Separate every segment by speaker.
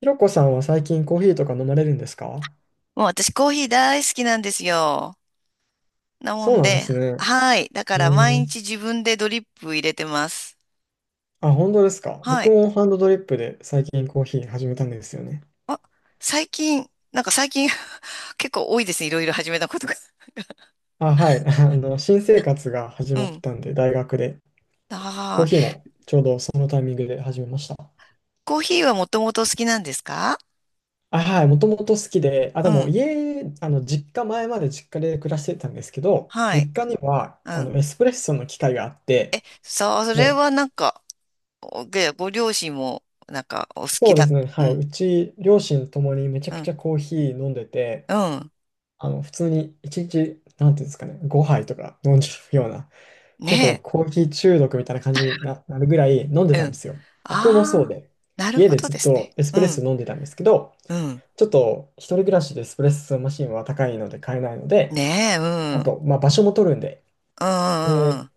Speaker 1: ひろこさんは最近コーヒーとか飲まれるんですか？
Speaker 2: もう私コーヒー大好きなんですよ。なも
Speaker 1: そう
Speaker 2: ん
Speaker 1: なんで
Speaker 2: で、
Speaker 1: すね。
Speaker 2: はい。だ
Speaker 1: え
Speaker 2: から毎
Speaker 1: ー、
Speaker 2: 日自分でドリップ入れてます。
Speaker 1: あ、本当ですか。
Speaker 2: は
Speaker 1: 僕
Speaker 2: い。
Speaker 1: もハンドドリップで最近コーヒー始めたんですよね。
Speaker 2: あ、最近、最近 結構多いですね。いろいろ始めたことが。
Speaker 1: あ、はい。新生活が始
Speaker 2: う
Speaker 1: まっ
Speaker 2: ん。
Speaker 1: たんで、大学で。
Speaker 2: あ
Speaker 1: コーヒー
Speaker 2: ー、
Speaker 1: もそのタイミングで始めました。
Speaker 2: コーヒーはもともと好きなんですか？
Speaker 1: あ、はい。もともと好きで、あ、
Speaker 2: う
Speaker 1: でも
Speaker 2: ん。
Speaker 1: 家、あの、実家、前まで実家で暮らしてたんですけど、
Speaker 2: はい。
Speaker 1: 実家には、
Speaker 2: うん。
Speaker 1: エスプレッソの機械があって、
Speaker 2: さあ、それ
Speaker 1: もう、
Speaker 2: はなんか、おでご両親もなんかお好き
Speaker 1: そうで
Speaker 2: だ。
Speaker 1: すね。
Speaker 2: う
Speaker 1: はい。
Speaker 2: ん。
Speaker 1: うち、両親ともにめちゃ
Speaker 2: う
Speaker 1: くち
Speaker 2: ん。
Speaker 1: ゃコーヒー飲んでて、
Speaker 2: うん。
Speaker 1: 普通に一日、なんていうんですかね、5杯とか飲んじゃうような、結構
Speaker 2: ね
Speaker 1: コーヒー中毒みたいな感じになるぐらい飲んで
Speaker 2: え。
Speaker 1: た
Speaker 2: う
Speaker 1: ん
Speaker 2: ん。
Speaker 1: ですよ。僕もそう
Speaker 2: ああ、
Speaker 1: で、
Speaker 2: なる
Speaker 1: 家
Speaker 2: ほ
Speaker 1: で
Speaker 2: ど
Speaker 1: ず
Speaker 2: で
Speaker 1: っ
Speaker 2: すね。
Speaker 1: とエス
Speaker 2: う
Speaker 1: プレッソ
Speaker 2: ん。
Speaker 1: 飲んでたんですけど、
Speaker 2: うん。
Speaker 1: ちょっと一人暮らしでエスプレッソマシンは高いので買えないので、
Speaker 2: ねえ、う
Speaker 1: あ
Speaker 2: ん。
Speaker 1: と、まあ、場所も取るんで、
Speaker 2: うん、
Speaker 1: で、
Speaker 2: うん、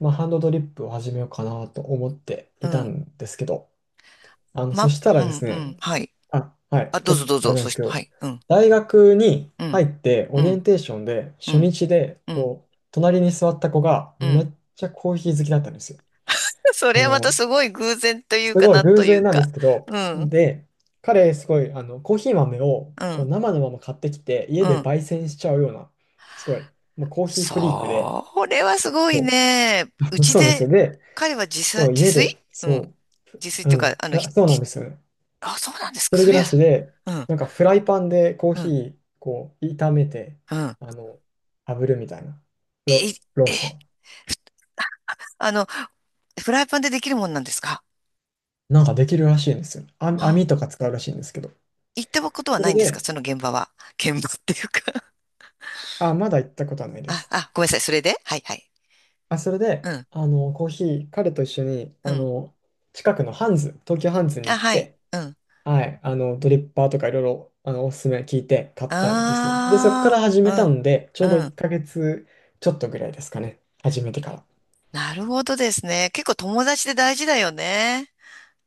Speaker 1: まあ、ハンドドリップを始めようかなと思って
Speaker 2: う
Speaker 1: い
Speaker 2: ん。
Speaker 1: た
Speaker 2: うん、
Speaker 1: んですけど、そ
Speaker 2: ま、
Speaker 1: したら
Speaker 2: う
Speaker 1: です
Speaker 2: ん、うん、
Speaker 1: ね、
Speaker 2: はい。
Speaker 1: あ、はい、
Speaker 2: あ、
Speaker 1: ち
Speaker 2: ど
Speaker 1: ょ
Speaker 2: うぞ
Speaker 1: っと
Speaker 2: どう
Speaker 1: あれ
Speaker 2: ぞ。
Speaker 1: なんで
Speaker 2: そ
Speaker 1: す
Speaker 2: し
Speaker 1: け
Speaker 2: て、は
Speaker 1: ど、
Speaker 2: い。うん、
Speaker 1: 大学に
Speaker 2: う
Speaker 1: 入
Speaker 2: ん、
Speaker 1: ってオ
Speaker 2: う
Speaker 1: リエン
Speaker 2: ん、
Speaker 1: テーションで
Speaker 2: う
Speaker 1: 初
Speaker 2: ん、
Speaker 1: 日で、
Speaker 2: うん、
Speaker 1: こう、隣に座った子が
Speaker 2: う
Speaker 1: め
Speaker 2: ん。
Speaker 1: っちゃコーヒー好きだったんですよ。
Speaker 2: そ
Speaker 1: あ
Speaker 2: れはまた
Speaker 1: の、
Speaker 2: すごい偶然とい
Speaker 1: す
Speaker 2: うか、
Speaker 1: ごい
Speaker 2: なん
Speaker 1: 偶
Speaker 2: とい
Speaker 1: 然
Speaker 2: う
Speaker 1: なんで
Speaker 2: か。
Speaker 1: すけど、
Speaker 2: うん、
Speaker 1: で、彼すごい、コーヒー豆を
Speaker 2: う
Speaker 1: こう
Speaker 2: ん、
Speaker 1: 生のまま買ってきて、家
Speaker 2: う
Speaker 1: で
Speaker 2: ん。
Speaker 1: 焙煎しちゃうような、すごい、もうコーヒーフリークで、
Speaker 2: それはすごい
Speaker 1: そ
Speaker 2: ね。う
Speaker 1: う
Speaker 2: ち
Speaker 1: そうなんですよ。
Speaker 2: で、
Speaker 1: で、
Speaker 2: 彼は自さ、
Speaker 1: そう、
Speaker 2: 自
Speaker 1: 家
Speaker 2: 炊？
Speaker 1: で、
Speaker 2: うん。
Speaker 1: そ
Speaker 2: 自炊っ
Speaker 1: う、う
Speaker 2: ていうか、
Speaker 1: ん、
Speaker 2: あ
Speaker 1: ふ
Speaker 2: の、
Speaker 1: ら
Speaker 2: ひ、
Speaker 1: そうなん
Speaker 2: ひ
Speaker 1: ですよ。
Speaker 2: あ、そうなんです
Speaker 1: 一人
Speaker 2: か。そ
Speaker 1: 暮
Speaker 2: れ
Speaker 1: ら
Speaker 2: は、
Speaker 1: しで、
Speaker 2: うん、
Speaker 1: なんかフライパンでコー
Speaker 2: う
Speaker 1: ヒ
Speaker 2: ん、
Speaker 1: ー、こう、炒めて、
Speaker 2: うん。
Speaker 1: あの、炙るみたいな、ロ、
Speaker 2: え、
Speaker 1: ローソ
Speaker 2: え、
Speaker 1: ン。
Speaker 2: あの、フライパンでできるもんなんですか？
Speaker 1: なんかできるらしいんですよ。あ、網
Speaker 2: う、
Speaker 1: とか使うらしいんですけど。
Speaker 2: 行ったことは
Speaker 1: そ
Speaker 2: な
Speaker 1: れ
Speaker 2: いんですか
Speaker 1: で、
Speaker 2: その現場は。現場っていうか、
Speaker 1: あ、まだ行ったことはないで
Speaker 2: あ、
Speaker 1: す。
Speaker 2: あ、ごめんなさい。それではい、はい。
Speaker 1: あ、それで、
Speaker 2: うん、
Speaker 1: コーヒー、彼と一緒に、
Speaker 2: うん。
Speaker 1: 近くのハンズ、東京ハンズに行
Speaker 2: あ、
Speaker 1: っ
Speaker 2: はい。
Speaker 1: て、
Speaker 2: うん。
Speaker 1: はい、ドリッパーとかいろいろ、おすすめ聞いて買ったんですよね。で、そこから
Speaker 2: あ
Speaker 1: 始めた
Speaker 2: あ、
Speaker 1: ので、ち
Speaker 2: う
Speaker 1: ょう
Speaker 2: ん、
Speaker 1: ど
Speaker 2: う
Speaker 1: 1
Speaker 2: ん。
Speaker 1: ヶ月ちょっとぐらいですかね。始めてから。
Speaker 2: なるほどですね。結構友達で大事だよね。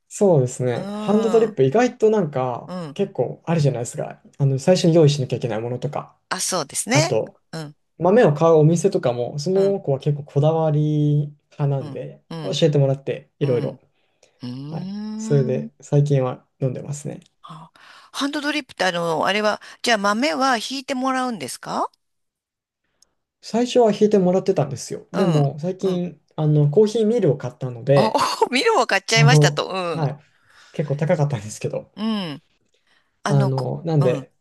Speaker 1: そうです
Speaker 2: う
Speaker 1: ね。ハンドドリ
Speaker 2: ん、う
Speaker 1: ッ
Speaker 2: ん。
Speaker 1: プ意外となんか結構あるじゃないですか。最初に用意しなきゃいけないものとか。
Speaker 2: あ、そうです
Speaker 1: あ
Speaker 2: ね。
Speaker 1: と、
Speaker 2: うん、
Speaker 1: 豆を買うお店とかも、そ
Speaker 2: うん、
Speaker 1: の子は結構こだわり派な
Speaker 2: う
Speaker 1: ん
Speaker 2: ん、
Speaker 1: で、
Speaker 2: う
Speaker 1: 教
Speaker 2: ん、
Speaker 1: えてもらってい
Speaker 2: う
Speaker 1: ろいろ。
Speaker 2: ん。う
Speaker 1: はい。
Speaker 2: ー
Speaker 1: それ
Speaker 2: ん。
Speaker 1: で最近は飲んでますね。
Speaker 2: あ、ハンドドリップってあの、あれは、じゃあ豆はひいてもらうんですか？
Speaker 1: 最初は引いてもらってたんですよ。
Speaker 2: う
Speaker 1: で
Speaker 2: ん、
Speaker 1: も最
Speaker 2: うん。
Speaker 1: 近、コーヒーミルを買ったの
Speaker 2: あ、
Speaker 1: で、
Speaker 2: おミルも買っちゃい
Speaker 1: あ
Speaker 2: ましたと。
Speaker 1: の、
Speaker 2: うん、
Speaker 1: はい。結構高かったんですけど、
Speaker 2: うん。あの、こ、
Speaker 1: なん
Speaker 2: うん、
Speaker 1: で、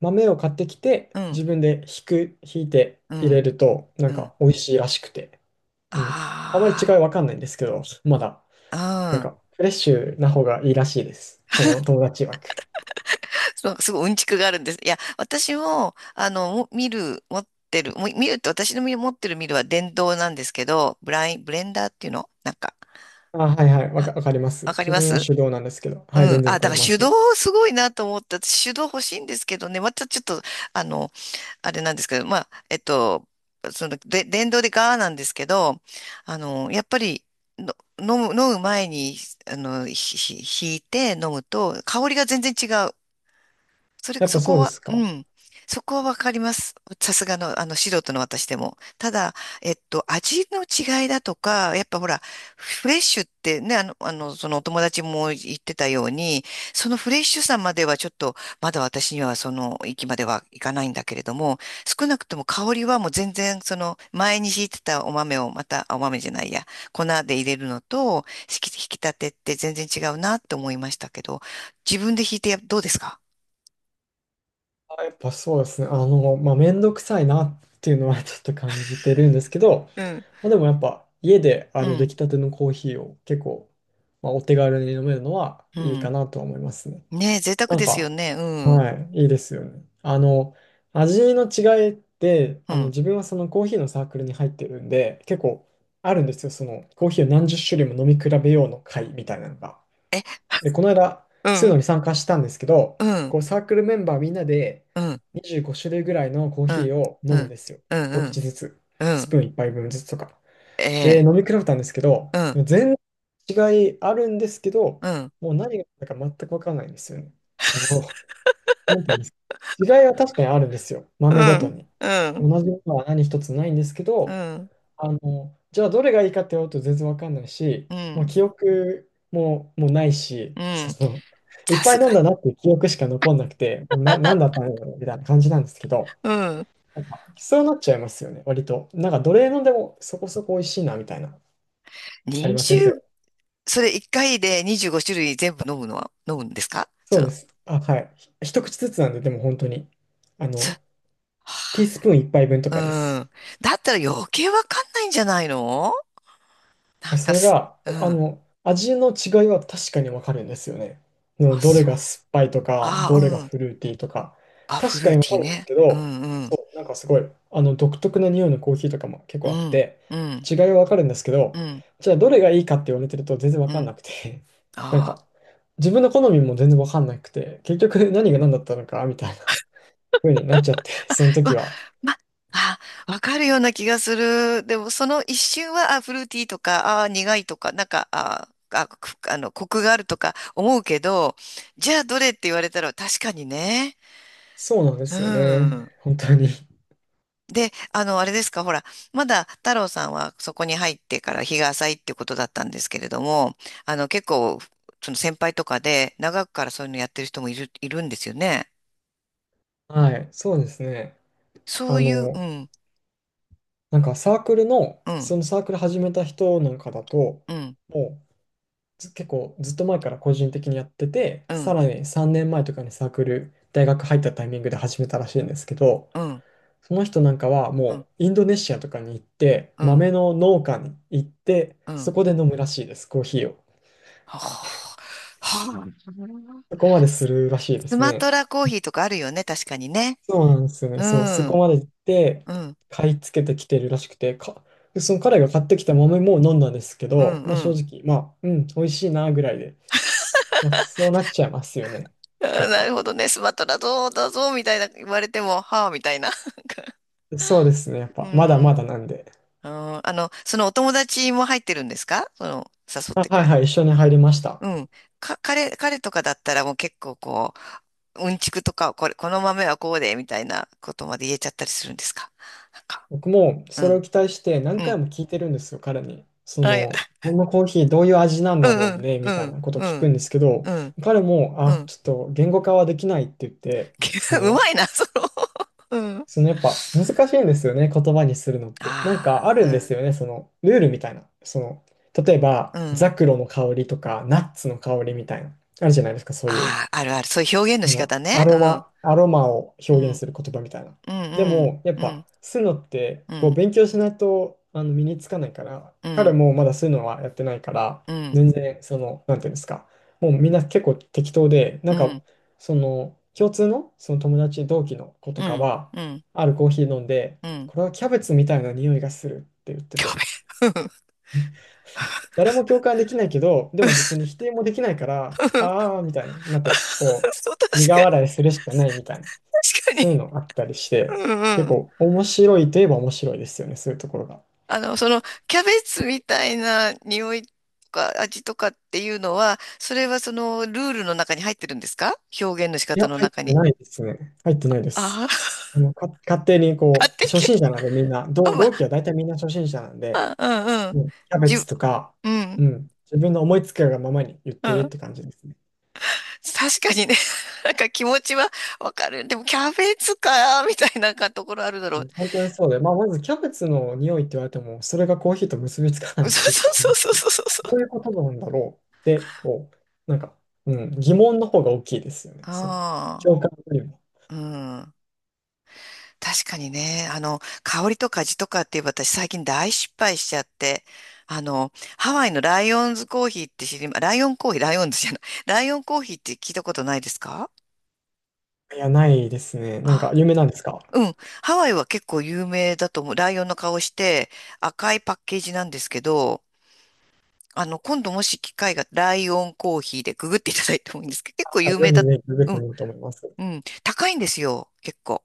Speaker 1: 豆を買ってきて、
Speaker 2: うん、
Speaker 1: 自分でひいて
Speaker 2: う
Speaker 1: 入れ
Speaker 2: ん、
Speaker 1: ると、なん
Speaker 2: うん。
Speaker 1: か美味しいらしくて。うん。あまり違い
Speaker 2: あ
Speaker 1: わ
Speaker 2: あ。
Speaker 1: かんないんですけど、まだ、
Speaker 2: う
Speaker 1: なん
Speaker 2: ん。
Speaker 1: かフレッシュな方がいいらしいです。その友達曰く。
Speaker 2: そうすごいうんちくがあるんです。いや、私も、あの、も見る、持ってる、も見るって私の見持ってる見るは電動なんですけど、ブライン、ブレンダーっていうのなんか、
Speaker 1: あ、はいはい、わか、
Speaker 2: あ、
Speaker 1: わかります。
Speaker 2: わかり
Speaker 1: 自
Speaker 2: ま
Speaker 1: 分は
Speaker 2: す。
Speaker 1: 手動なんですけど、
Speaker 2: う
Speaker 1: はい、全
Speaker 2: ん。
Speaker 1: 然わ
Speaker 2: あ、
Speaker 1: か
Speaker 2: だ
Speaker 1: り
Speaker 2: から
Speaker 1: ま
Speaker 2: 手
Speaker 1: す。
Speaker 2: 動すごいなと思った。私手動欲しいんですけどね。またちょっと、あの、あれなんですけど、まあ、その、で、電動でガーなんですけど、あの、やっぱり、の飲む、飲む前に、あの、ひ、ひ、ひいて飲むと、香りが全然違う。それ、
Speaker 1: やっぱ
Speaker 2: そ
Speaker 1: そ
Speaker 2: こ
Speaker 1: うで
Speaker 2: は、
Speaker 1: すか。
Speaker 2: うん。そこはわかります。さすがの、あの、素人の私でも。ただ、味の違いだとか、やっぱほら、フレッシュってね、あの、あの、そのお友達も言ってたように、そのフレッシュさまではちょっと、まだ私にはその域まではいかないんだけれども、少なくとも香りはもう全然、その、前に敷いてたお豆をまた、あ、お豆じゃないや、粉で入れるのと、引き、引き立てって全然違うなって思いましたけど、自分で引いてやどうですか？
Speaker 1: やっぱそうですね。まあ、めんどくさいなっていうのは ちょっと感じてるんですけど、
Speaker 2: うん、
Speaker 1: まあ、でもやっぱ家で
Speaker 2: う
Speaker 1: 出
Speaker 2: ん、
Speaker 1: 来たてのコーヒーを結構、まあ、お手軽に飲めるのは
Speaker 2: う
Speaker 1: いい
Speaker 2: ん。
Speaker 1: かなとは思いますね。
Speaker 2: ねえ、贅沢
Speaker 1: なん
Speaker 2: ですよ
Speaker 1: か、
Speaker 2: ね。うん、
Speaker 1: はい、いいですよね。味の違いって、
Speaker 2: うん。
Speaker 1: 自分はそのコーヒーのサークルに入ってるんで、結構あるんですよ。そのコーヒーを何十種類も飲み比べようの会みたいなのが。
Speaker 2: え、
Speaker 1: で、この間、
Speaker 2: う
Speaker 1: スーノ
Speaker 2: ん、
Speaker 1: のに参加したんですけど、
Speaker 2: うん、
Speaker 1: こうサークルメンバーみんなで
Speaker 2: うん、うん、
Speaker 1: 25種類ぐらいのコー
Speaker 2: う
Speaker 1: ヒ
Speaker 2: ん、
Speaker 1: ーを
Speaker 2: う
Speaker 1: 飲むん
Speaker 2: ん、
Speaker 1: ですよ。
Speaker 2: う
Speaker 1: 一口
Speaker 2: ん、
Speaker 1: ずつ。
Speaker 2: う
Speaker 1: スプ
Speaker 2: ん、
Speaker 1: ーン1杯分ずつとか。
Speaker 2: え
Speaker 1: で、
Speaker 2: え、
Speaker 1: 飲み比べたんですけど、
Speaker 2: う
Speaker 1: で
Speaker 2: ん、
Speaker 1: も全然違いあるんですけど、
Speaker 2: うん、
Speaker 1: もう何が何だか全く分からないんですよね。そう。なんていうんですか。違いは確かにあるんですよ。
Speaker 2: う
Speaker 1: 豆ごと
Speaker 2: ん、
Speaker 1: に。
Speaker 2: う
Speaker 1: 同
Speaker 2: ん、
Speaker 1: じものは何一つないんですけ
Speaker 2: う
Speaker 1: ど、
Speaker 2: ん、
Speaker 1: じゃあどれがいいかって言われると全然わかんないし、
Speaker 2: う
Speaker 1: もう
Speaker 2: ん、
Speaker 1: 記憶も、もうないし、
Speaker 2: うん。
Speaker 1: その、いっ
Speaker 2: さ
Speaker 1: ぱ
Speaker 2: す
Speaker 1: い
Speaker 2: が、
Speaker 1: 飲んだなっていう記憶しか残んなくて、もうなんだったんだろうみたいな感じなんですけど、
Speaker 2: うん。
Speaker 1: なんか、きそうなっちゃいますよね、割と。なんか、どれ飲んでもそこそこ美味しいな、みたいな。ありません、そ
Speaker 2: 20、
Speaker 1: れ。
Speaker 2: それ1回で25種類全部飲むのは、飲むんですか
Speaker 1: そ
Speaker 2: そ
Speaker 1: うで
Speaker 2: の、
Speaker 1: す。あ、はい。一口ずつなんで、でも本当に。あ
Speaker 2: そ、
Speaker 1: の、ティー
Speaker 2: は
Speaker 1: スプーン一杯分とかで
Speaker 2: あ、
Speaker 1: す。
Speaker 2: うん。だったら余計わかんないんじゃないの？なん
Speaker 1: そ
Speaker 2: か
Speaker 1: れ
Speaker 2: す、
Speaker 1: が、
Speaker 2: うん。
Speaker 1: 味の違いは確かにわかるんですよね。うん
Speaker 2: あ、
Speaker 1: どれ
Speaker 2: そう。
Speaker 1: が酸っぱいとか、
Speaker 2: あ、
Speaker 1: どれが
Speaker 2: うん。
Speaker 1: フルーティーとか、
Speaker 2: あ、フ
Speaker 1: 確か
Speaker 2: ル
Speaker 1: に
Speaker 2: ー
Speaker 1: わ
Speaker 2: テ
Speaker 1: か
Speaker 2: ィー
Speaker 1: るんです
Speaker 2: ね。
Speaker 1: け
Speaker 2: う
Speaker 1: ど、
Speaker 2: ん、うん。
Speaker 1: そう、なんかすごい、独特な匂いのコーヒーとかも結
Speaker 2: う
Speaker 1: 構あっ
Speaker 2: ん、
Speaker 1: て、
Speaker 2: うん、
Speaker 1: 違いはわかるんですけ
Speaker 2: う
Speaker 1: ど、
Speaker 2: ん、
Speaker 1: じゃあどれがいいかって言われてると全然わ
Speaker 2: う
Speaker 1: かん
Speaker 2: ん。
Speaker 1: なくて、なん
Speaker 2: ああ、
Speaker 1: か、自分の好みも全然わかんなくて、結局何が何だったのか、みたいな風になっちゃって、その
Speaker 2: う
Speaker 1: 時
Speaker 2: わ、
Speaker 1: は。
Speaker 2: ま、あ、わかるような気がする。でも、その一瞬は、あ、フルーティーとか、あ、苦いとか、なんか、ああ、あ、く、あの、コクがあるとか思うけど、じゃあ、どれって言われたら、確かにね。
Speaker 1: そうなんで
Speaker 2: う
Speaker 1: すよね。
Speaker 2: ん。
Speaker 1: 本当に。
Speaker 2: で、あの、あれですか、ほら、まだ太郎さんはそこに入ってから日が浅いってことだったんですけれども、あの、結構、その先輩とかで、長くからそういうのやってる人もいる、いるんですよね。
Speaker 1: はい、そうですね。
Speaker 2: そ
Speaker 1: あ
Speaker 2: ういう、う
Speaker 1: の、
Speaker 2: ん。
Speaker 1: なんかサークルの、
Speaker 2: うん、
Speaker 1: そのサークル始めた人なんかだと、
Speaker 2: うん、
Speaker 1: もうず結構ずっと前から個人的にやってて、
Speaker 2: う
Speaker 1: さ
Speaker 2: ん、
Speaker 1: らに3年前とかにサークル、大学入ったタイミングで始めたらしいんですけど、
Speaker 2: うん、
Speaker 1: その人なんかは
Speaker 2: うん、
Speaker 1: もうインドネシアとかに行って、
Speaker 2: うん、
Speaker 1: 豆の農家に行って、
Speaker 2: う
Speaker 1: そ
Speaker 2: ん。
Speaker 1: こで飲むらしいです、コーヒーを。
Speaker 2: はあ、はあ、
Speaker 1: そこまでするらしいで
Speaker 2: ス
Speaker 1: す
Speaker 2: マ
Speaker 1: ね。
Speaker 2: トラコーヒーとかあるよね、確かにね。
Speaker 1: そうなんですよね。
Speaker 2: う
Speaker 1: そう、そ
Speaker 2: ん、う
Speaker 1: こ
Speaker 2: ん、
Speaker 1: まで行って、
Speaker 2: うん、
Speaker 1: 買い付けてきてるらしくて、でその彼が買ってきた豆も飲んだんですけ
Speaker 2: う
Speaker 1: ど、まあ正
Speaker 2: ん。
Speaker 1: 直、まあ、うん、美味しいなぐらいで、まあ、そうなっちゃいますよね。
Speaker 2: あ
Speaker 1: やっ
Speaker 2: ー、な
Speaker 1: ぱ。
Speaker 2: るほどね、スマトラどうだぞ、みたいな言われても、はあ、みたいな。
Speaker 1: そうですね。やっ
Speaker 2: う
Speaker 1: ぱ、まだま
Speaker 2: ん。
Speaker 1: だなんで。
Speaker 2: あー、あの、そのお友達も入ってるんですかその、誘っ
Speaker 1: あ、
Speaker 2: て
Speaker 1: は
Speaker 2: く
Speaker 1: い
Speaker 2: れ。
Speaker 1: はい、一緒に入りました。
Speaker 2: うん。か、彼、彼とかだったらもう結構こう、うんちくとか、これ、この豆はこうで、みたいなことまで言えちゃったりするんですか？なんか、
Speaker 1: 僕も
Speaker 2: う
Speaker 1: それを
Speaker 2: ん、
Speaker 1: 期待して何
Speaker 2: う
Speaker 1: 回
Speaker 2: ん。
Speaker 1: も聞いてるんですよ、彼に。そ
Speaker 2: はい、
Speaker 1: の、このコーヒーどういう味なん
Speaker 2: う
Speaker 1: だ
Speaker 2: ん、
Speaker 1: ろ
Speaker 2: う
Speaker 1: う
Speaker 2: ん、
Speaker 1: ね、み
Speaker 2: う
Speaker 1: たい
Speaker 2: ん、
Speaker 1: なことを聞くんです
Speaker 2: う
Speaker 1: けど、
Speaker 2: ん、
Speaker 1: 彼も、
Speaker 2: う
Speaker 1: あ、
Speaker 2: ん。
Speaker 1: ちょっと言語化はできないって言って、そ
Speaker 2: う
Speaker 1: の、
Speaker 2: まいな、その。うん。
Speaker 1: そのやっぱ難しいんですよね、言葉にするのって。なんかあ
Speaker 2: あ
Speaker 1: るんです
Speaker 2: あ、
Speaker 1: よね、そのルールみたいな。その、例えば、
Speaker 2: うん、うん。
Speaker 1: ザクロの香りとか、ナッツの香りみたいな。あるじゃないですか、そういう。
Speaker 2: ああ、あるある。そういう表現の
Speaker 1: そ
Speaker 2: 仕
Speaker 1: の
Speaker 2: 方ね。
Speaker 1: ア
Speaker 2: う
Speaker 1: ロ
Speaker 2: ん。
Speaker 1: マ、アロマを
Speaker 2: う
Speaker 1: 表現
Speaker 2: ん、
Speaker 1: する言葉みたいな。
Speaker 2: うん、
Speaker 1: で
Speaker 2: うん、
Speaker 1: も、やっ
Speaker 2: う
Speaker 1: ぱ、
Speaker 2: ん、
Speaker 1: 吸うのって、
Speaker 2: う
Speaker 1: こう、
Speaker 2: ん、
Speaker 1: 勉強しないと、身につかないから、
Speaker 2: う
Speaker 1: 彼
Speaker 2: ん、
Speaker 1: もまだ吸うのはやってないから、
Speaker 2: うん、
Speaker 1: 全然、その、なんていうんですか、もうみんな結構適当で、なん
Speaker 2: う
Speaker 1: か、
Speaker 2: ん、
Speaker 1: その、共通の、その友達、同期の子と
Speaker 2: う
Speaker 1: か
Speaker 2: ん、
Speaker 1: は、
Speaker 2: うん、
Speaker 1: あるコーヒー飲んで、
Speaker 2: うん。
Speaker 1: これはキャベツみたいな匂いがするって言って
Speaker 2: や
Speaker 1: て、
Speaker 2: べ。うん、
Speaker 1: 誰も共感できないけど、でも別に否定もできないから、
Speaker 2: うん。
Speaker 1: ああ、みたいになって、こ
Speaker 2: そう、
Speaker 1: う、
Speaker 2: 確
Speaker 1: 苦
Speaker 2: かに、
Speaker 1: 笑いするしかないみたいな。
Speaker 2: 確かに。
Speaker 1: そういうのあったりし
Speaker 2: う
Speaker 1: て、
Speaker 2: ん、
Speaker 1: 結
Speaker 2: うん。
Speaker 1: 構面白いといえば面白いですよね、そういうところが。
Speaker 2: あの、その、キャベツみたいな匂いとか味とかっていうのは、それはそのルールの中に入ってるんですか、表現の仕
Speaker 1: いや、
Speaker 2: 方の
Speaker 1: 入っ
Speaker 2: 中
Speaker 1: て
Speaker 2: に。
Speaker 1: ないですね。入ってないです。
Speaker 2: ああ、
Speaker 1: 勝手にこ
Speaker 2: 勝手
Speaker 1: う、
Speaker 2: に
Speaker 1: 初心
Speaker 2: 決
Speaker 1: 者なんでみんな、同、
Speaker 2: め、
Speaker 1: 同期は大体みんな初心者なんで、
Speaker 2: まあ、うん、うん。
Speaker 1: うん、キャベ
Speaker 2: じ
Speaker 1: ツ
Speaker 2: ゅ、
Speaker 1: とか、
Speaker 2: う
Speaker 1: う
Speaker 2: ん、
Speaker 1: ん、自分の思いつくがままに言っ
Speaker 2: う
Speaker 1: てるっ
Speaker 2: ん。
Speaker 1: て感じですね。
Speaker 2: 確かにね、なんか気持ちはわかる。でもキャベツか、みたいなところあるだ
Speaker 1: う
Speaker 2: ろ
Speaker 1: ん、
Speaker 2: う。
Speaker 1: 本当にそうで、まあ、まずキャベツの匂いって言われても、それがコーヒーと結びつか な
Speaker 2: そう
Speaker 1: いっていうところ
Speaker 2: そ
Speaker 1: も
Speaker 2: う
Speaker 1: あっ
Speaker 2: そう
Speaker 1: て、
Speaker 2: そうそうそ
Speaker 1: どうい
Speaker 2: う。
Speaker 1: うことなんだろうって、こう、なんか、うん、疑問の方が大きいですよね。その、
Speaker 2: あ
Speaker 1: 共感よりも。
Speaker 2: あ、うん。確かにね、あの、香りとか味とかって私最近大失敗しちゃって、あの、ハワイのライオンズコーヒーって知りま、ライオンコーヒー、ライオンズじゃない、ライオンコーヒーって聞いたことないですか？
Speaker 1: いや、ないですね。なんか、
Speaker 2: あ、
Speaker 1: 有名なんですか？
Speaker 2: うん。ハワイは結構有名だと思う。ライオンの顔して赤いパッケージなんですけど、あの、今度もし機会がライオンコーヒーでググっていただいてもいいんですけど、結構
Speaker 1: あ
Speaker 2: 有
Speaker 1: ぜ
Speaker 2: 名
Speaker 1: ひ
Speaker 2: だ。
Speaker 1: ぜひ、ググっ
Speaker 2: う
Speaker 1: てみ
Speaker 2: ん。
Speaker 1: ようと思います。
Speaker 2: うん。高いんですよ。結構。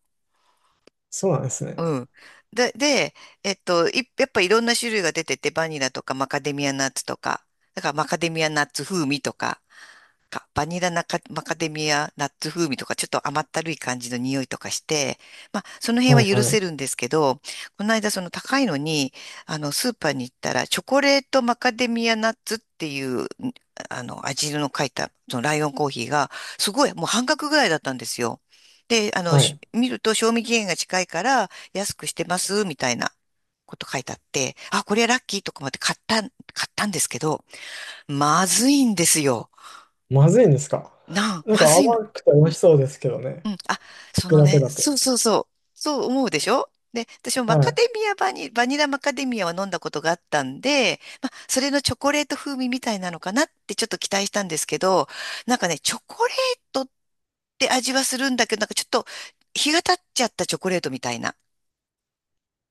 Speaker 1: そうなんですね。
Speaker 2: うん。で、で、い、やっぱいろんな種類が出てて、バニラとかマカデミアナッツとか、だからマカデミアナッツ風味とか、かバニラナカマカデミアナッツ風味とかちょっと甘ったるい感じの匂いとかして、まあその
Speaker 1: は
Speaker 2: 辺
Speaker 1: い
Speaker 2: は許
Speaker 1: はい。
Speaker 2: せるんですけど、この間その高いのに、あのスーパーに行ったらチョコレートマカデミアナッツっていう、あの味の書いたそのライオンコーヒーがすごいもう半額ぐらいだったんですよ。で、あの、
Speaker 1: はい。
Speaker 2: し見ると賞味期限が近いから安くしてますみたいなこと書いてあって、あ、これはラッキーとか思って買ったんですけど、まずいんですよ。
Speaker 1: まずいんですか？
Speaker 2: な あ、
Speaker 1: なん
Speaker 2: ま
Speaker 1: か
Speaker 2: ずいの。
Speaker 1: 甘くて美味しそうですけどね。
Speaker 2: うん。あ、
Speaker 1: 聞
Speaker 2: そ
Speaker 1: く
Speaker 2: の
Speaker 1: だけ
Speaker 2: ね、
Speaker 1: だと。
Speaker 2: そうそうそう。そう思うでしょ。で、私もマ
Speaker 1: は
Speaker 2: カ
Speaker 1: い。
Speaker 2: デミアバニ、バニラマカデミアは飲んだことがあったんで、まあ、それのチョコレート風味みたいなのかなってちょっと期待したんですけど、なんかね、チョコレートって味はするんだけど、なんかちょっと日が経っちゃったチョコレートみたいな。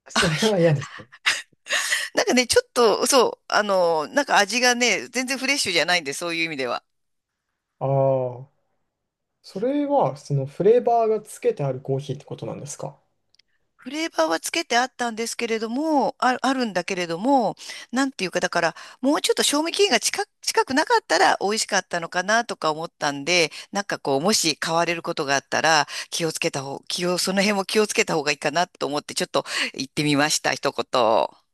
Speaker 1: それは
Speaker 2: あ、
Speaker 1: 嫌ですね。
Speaker 2: なんかね、ちょっと、そう、あの、なんか味がね、全然フレッシュじゃないんで、そういう意味では。
Speaker 1: ああ、それは、そのフレーバーがつけてあるコーヒーってことなんですか？
Speaker 2: フレーバーはつけてあったんですけれども、あ、あるんだけれども、なんていうか、だから、もうちょっと賞味期限が近く、近くなかったら美味しかったのかなとか思ったんで、なんかこう、もし買われることがあったら、気をつけた方、気を、その辺も気をつけた方がいいかなと思って、ちょっと言ってみました、一言。